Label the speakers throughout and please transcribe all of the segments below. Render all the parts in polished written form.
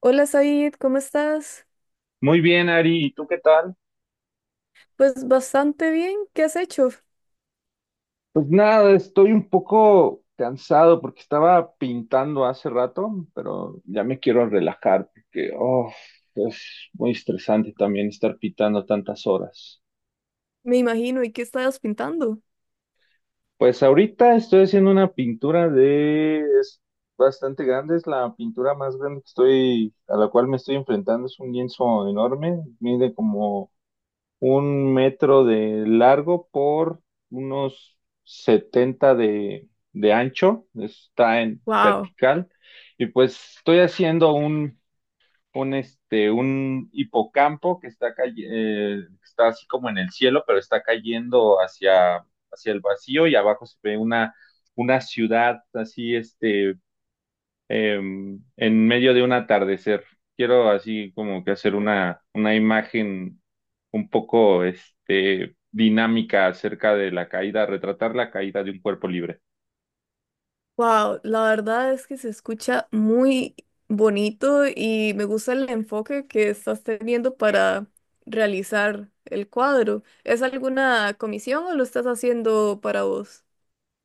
Speaker 1: Hola Said, ¿cómo estás?
Speaker 2: Muy bien, Ari, ¿y tú qué tal?
Speaker 1: Pues bastante bien, ¿qué has hecho?
Speaker 2: Pues nada, estoy un poco cansado porque estaba pintando hace rato, pero ya me quiero relajar porque oh, es muy estresante también estar pintando tantas horas.
Speaker 1: Me imagino, ¿y qué estabas pintando?
Speaker 2: Pues ahorita estoy haciendo una pintura es bastante grande, es la pintura más grande a la cual me estoy enfrentando, es un lienzo enorme, mide como un metro de largo por unos 70 de ancho, está en
Speaker 1: Wow,
Speaker 2: vertical, y pues estoy haciendo un hipocampo que está así como en el cielo, pero está cayendo hacia el vacío, y abajo se ve una ciudad así, eh, en medio de un atardecer. Quiero así como que hacer una imagen un poco dinámica acerca de la caída, retratar la caída de un cuerpo libre.
Speaker 1: wow, la verdad es que se escucha muy bonito y me gusta el enfoque que estás teniendo para realizar el cuadro. ¿Es alguna comisión o lo estás haciendo para vos?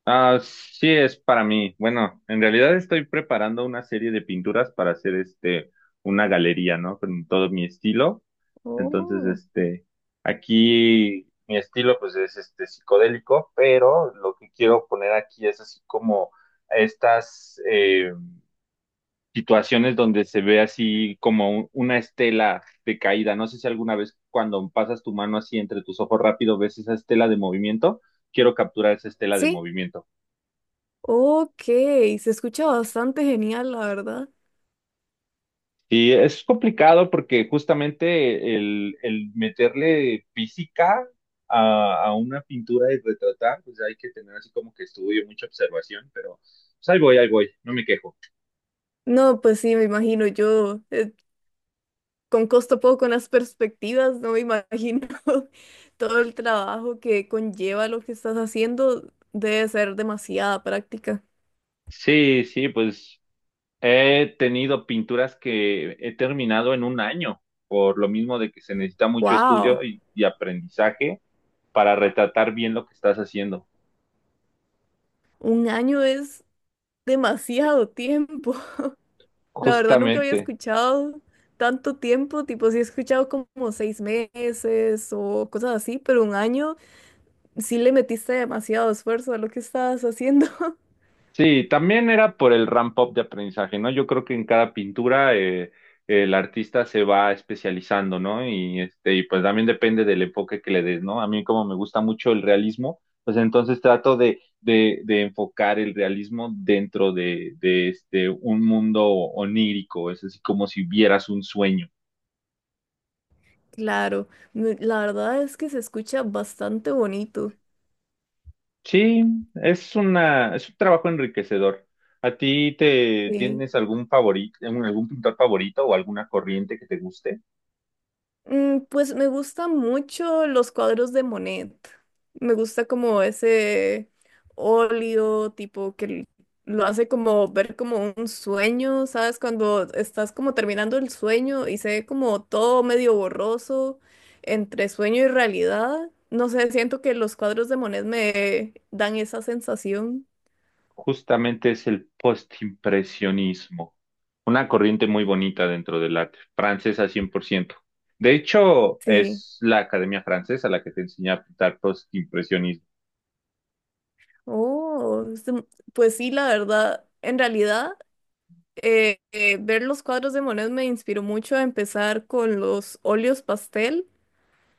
Speaker 2: Ah, sí, es para mí. Bueno, en realidad estoy preparando una serie de pinturas para hacer una galería, ¿no? Con todo mi estilo. Entonces,
Speaker 1: Oh,
Speaker 2: este, Aquí mi estilo pues es este psicodélico, pero lo que quiero poner aquí es así como estas situaciones donde se ve así como una estela de caída. No sé si alguna vez cuando pasas tu mano así entre tus ojos rápido ves esa estela de movimiento. Quiero capturar esa estela de
Speaker 1: sí,
Speaker 2: movimiento.
Speaker 1: ok, se escucha bastante genial, la verdad.
Speaker 2: Y es complicado porque justamente el meterle física a una pintura y retratar, pues hay que tener así como que estudio, mucha observación, pero pues ahí voy, no me quejo.
Speaker 1: No, pues sí, me imagino yo. Con costo poco, con las perspectivas, no me imagino todo el trabajo que conlleva lo que estás haciendo, debe ser demasiada práctica.
Speaker 2: Sí, sí. Pues he tenido pinturas que he terminado en un año, por lo mismo de que se necesita mucho estudio
Speaker 1: ¡Wow!
Speaker 2: y aprendizaje para retratar bien lo que estás haciendo.
Speaker 1: Un año es demasiado tiempo. La verdad nunca había
Speaker 2: Justamente.
Speaker 1: escuchado tanto tiempo, tipo sí he escuchado como seis meses o cosas así, pero un año sí le metiste demasiado esfuerzo a lo que estabas haciendo.
Speaker 2: Sí, también era por el ramp-up de aprendizaje, ¿no? Yo creo que en cada pintura el artista se va especializando, ¿no? Y, este, y pues también depende del enfoque que le des, ¿no? A mí como me gusta mucho el realismo, pues entonces trato de enfocar el realismo dentro de un mundo onírico, es así como si vieras un sueño.
Speaker 1: Claro, me- la verdad es que se escucha bastante bonito.
Speaker 2: Sí, es un trabajo enriquecedor. ¿A ti te
Speaker 1: Sí.
Speaker 2: tienes algún favorito, algún pintor favorito o alguna corriente que te guste?
Speaker 1: Mm, pues me gustan mucho los cuadros de Monet. Me gusta como ese óleo tipo que l- lo hace como ver como un sueño, ¿sabes? Cuando estás como terminando el sueño y se ve como todo medio borroso entre sueño y realidad. No sé, siento que los cuadros de Monet me dan esa sensación.
Speaker 2: Justamente es el postimpresionismo, una corriente muy bonita dentro del arte, francesa 100%. De hecho,
Speaker 1: Sí.
Speaker 2: es la Academia Francesa la que te enseña a pintar postimpresionismo.
Speaker 1: Oh, es de- pues sí, la verdad, en realidad. Ver los cuadros de Monet me inspiró mucho a empezar con los óleos pastel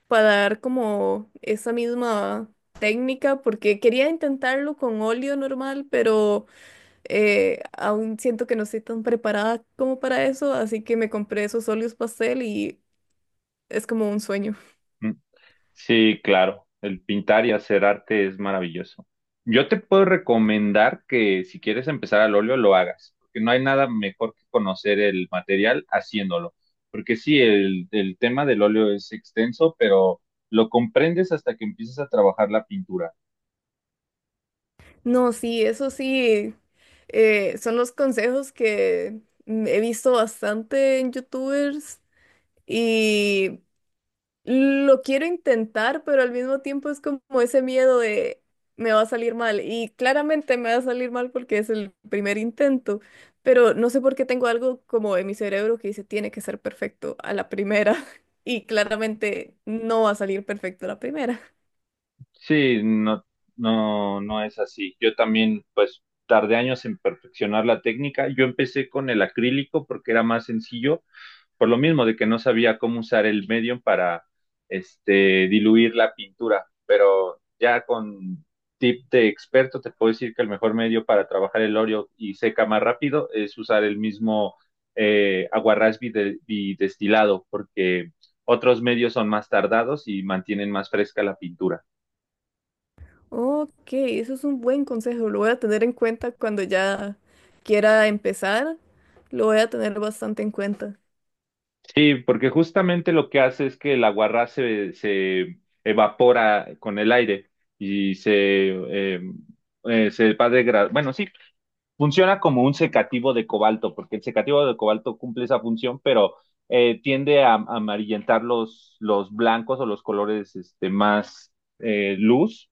Speaker 1: para dar como esa misma técnica, porque quería intentarlo con óleo normal, pero aún siento que no estoy tan preparada como para eso, así que me compré esos óleos pastel y es como un sueño.
Speaker 2: Mm. Sí, claro. El pintar y hacer arte es maravilloso. Yo te puedo recomendar que si quieres empezar al óleo, lo hagas, porque no hay nada mejor que conocer el material haciéndolo. Porque sí, el tema del óleo es extenso, pero lo comprendes hasta que empiezas a trabajar la pintura.
Speaker 1: No, sí, eso sí, son los consejos que he visto bastante en YouTubers. Y lo quiero intentar, pero al mismo tiempo es como ese miedo de me va a salir mal. Y claramente me va a salir mal porque es el primer intento, pero no sé por qué tengo algo como en mi cerebro que dice tiene que ser perfecto a la primera. Y claramente no va a salir perfecto a la primera.
Speaker 2: Sí, no, no, no es así. Yo también, pues, tardé años en perfeccionar la técnica. Yo empecé con el acrílico porque era más sencillo por lo mismo de que no sabía cómo usar el medium para este, diluir la pintura, pero ya con tip de experto te puedo decir que el mejor medio para trabajar el óleo y seca más rápido es usar el mismo aguarrás bidestilado, porque otros medios son más tardados y mantienen más fresca la pintura.
Speaker 1: Ok, eso es un buen consejo. Lo voy a tener en cuenta cuando ya quiera empezar. Lo voy a tener bastante en cuenta.
Speaker 2: Sí, porque justamente lo que hace es que el aguarrá se evapora con el aire y eh, se va degradando. Bueno, sí, funciona como un secativo de cobalto, porque el secativo de cobalto cumple esa función, pero tiende a amarillentar los blancos o los colores más luz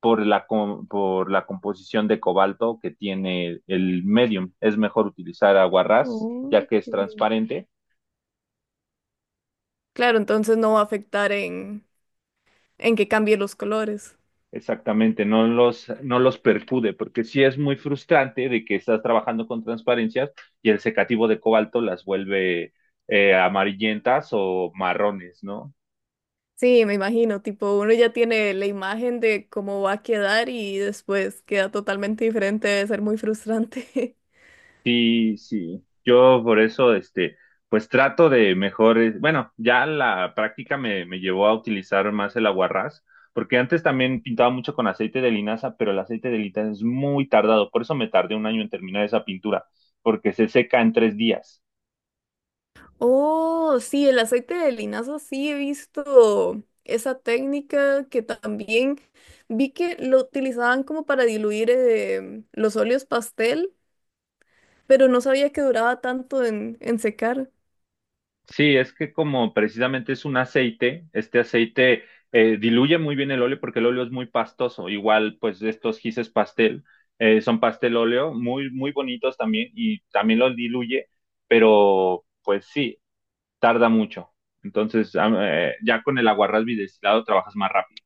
Speaker 2: por la, por la composición de cobalto que tiene el medium. Es mejor utilizar aguarrás, ya que es
Speaker 1: Ok.
Speaker 2: transparente.
Speaker 1: Claro, entonces no va a afectar en que cambie los colores.
Speaker 2: Exactamente, no los, no los percude, porque sí es muy frustrante de que estás trabajando con transparencias y el secativo de cobalto las vuelve amarillentas o marrones, ¿no?
Speaker 1: Sí, me imagino, tipo, uno ya tiene la imagen de cómo va a quedar y después queda totalmente diferente, debe ser muy frustrante.
Speaker 2: Sí, sí. Yo por eso, este, pues trato de mejores. Bueno, ya la práctica me llevó a utilizar más el aguarrás, porque antes también pintaba mucho con aceite de linaza, pero el aceite de linaza es muy tardado, por eso me tardé un año en terminar esa pintura, porque se seca en 3 días.
Speaker 1: Oh, sí, el aceite de linaza, sí he visto esa técnica que también vi que lo utilizaban como para diluir los óleos pastel, pero no sabía que duraba tanto en secar.
Speaker 2: Sí, es que como precisamente es un aceite, este aceite diluye muy bien el óleo porque el óleo es muy pastoso. Igual, pues estos gises pastel son pastel óleo, muy, muy bonitos también y también los diluye, pero pues sí, tarda mucho. Entonces, ya con el aguarrás bidestilado trabajas más rápido.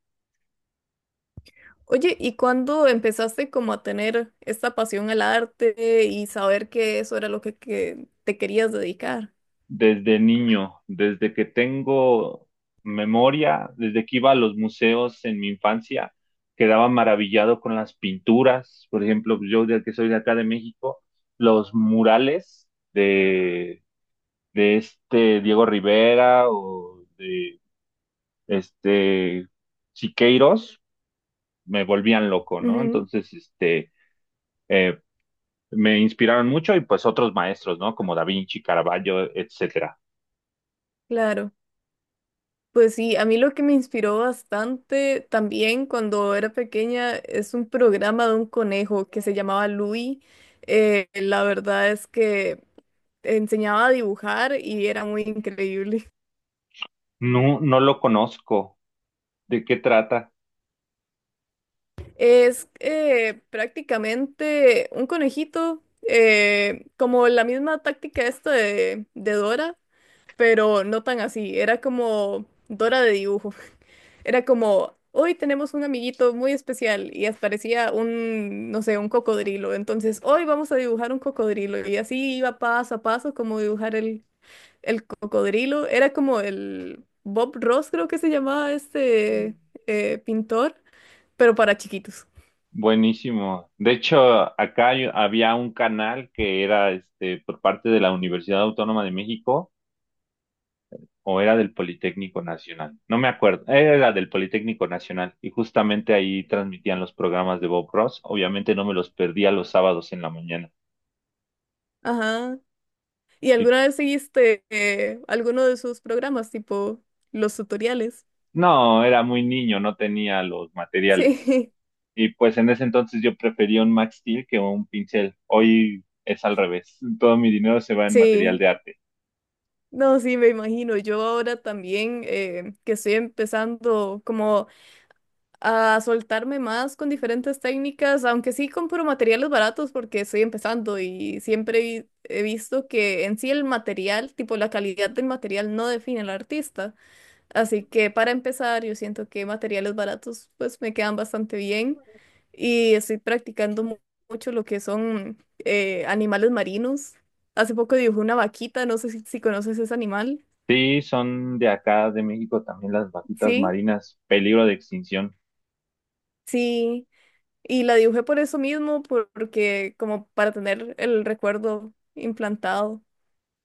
Speaker 1: Oye, ¿y cuándo empezaste como a tener esta pasión al arte y saber que eso era lo que te querías dedicar?
Speaker 2: Desde niño, desde que tengo memoria, desde que iba a los museos en mi infancia, quedaba maravillado con las pinturas, por ejemplo, pues, yo de que soy de acá de México, los murales de, de Diego Rivera o de este Siqueiros, me volvían loco, ¿no?
Speaker 1: Ujú,
Speaker 2: Entonces, este, eh, me inspiraron mucho y pues otros maestros, ¿no? Como Da Vinci, Caravaggio, etcétera.
Speaker 1: claro. Pues sí, a mí lo que me inspiró bastante también cuando era pequeña es un programa de un conejo que se llamaba Louis. La verdad es que enseñaba a dibujar y era muy increíble.
Speaker 2: No, no lo conozco. ¿De qué trata?
Speaker 1: Es prácticamente un conejito, como la misma táctica esta de Dora, pero no tan así, era como Dora de dibujo, era como, hoy tenemos un amiguito muy especial y hasta parecía un, no sé, un cocodrilo, entonces hoy vamos a dibujar un cocodrilo y así iba paso a paso como dibujar el cocodrilo, era como el Bob Ross creo que se llamaba pintor, pero para chiquitos.
Speaker 2: Buenísimo. De hecho, acá había un canal que era este por parte de la Universidad Autónoma de México o era del Politécnico Nacional. No me acuerdo. Era del Politécnico Nacional y justamente ahí transmitían los programas de Bob Ross. Obviamente no me los perdía los sábados en la mañana.
Speaker 1: Ajá. ¿Y
Speaker 2: Y
Speaker 1: alguna vez seguiste alguno de sus programas, tipo los tutoriales?
Speaker 2: no, era muy niño, no tenía los materiales.
Speaker 1: Sí,
Speaker 2: Y pues en ese entonces yo prefería un Max Steel que un pincel. Hoy es al revés. Todo mi dinero se va en material
Speaker 1: sí.
Speaker 2: de arte.
Speaker 1: No, sí, me imagino. Yo ahora también, que estoy empezando como a soltarme más con diferentes técnicas, aunque sí compro materiales baratos porque estoy empezando y siempre vi- he visto que en sí el material, tipo la calidad del material no define al artista. Así que para empezar, yo siento que materiales baratos pues me quedan bastante bien y estoy practicando mu- mucho lo que son animales marinos. Hace poco dibujé una vaquita, no sé si conoces ese animal.
Speaker 2: Sí, son de acá, de México, también las vaquitas
Speaker 1: Sí,
Speaker 2: marinas, peligro de extinción.
Speaker 1: sí. Y la dibujé por eso mismo, por- porque como para tener el recuerdo implantado.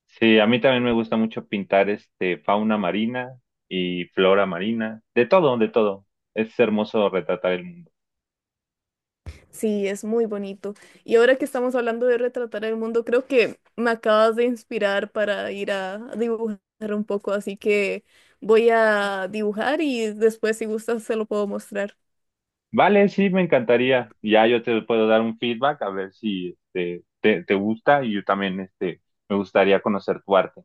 Speaker 2: Sí, a mí también me gusta mucho pintar este fauna marina y flora marina, de todo, de todo. Es hermoso retratar el mundo.
Speaker 1: Sí, es muy bonito. Y ahora que estamos hablando de retratar el mundo, creo que me acabas de inspirar para ir a dibujar un poco, así que voy a dibujar y después si gustas se lo puedo mostrar.
Speaker 2: Vale, sí, me encantaría. Ya yo te puedo dar un feedback a ver si este, te gusta y yo también este, me gustaría conocer tu arte.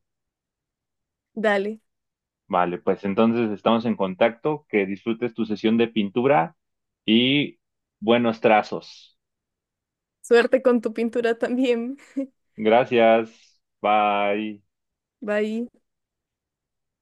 Speaker 1: Dale.
Speaker 2: Vale, pues entonces estamos en contacto, que disfrutes tu sesión de pintura y buenos trazos.
Speaker 1: Suerte con tu pintura también.
Speaker 2: Gracias. Bye.
Speaker 1: Bye.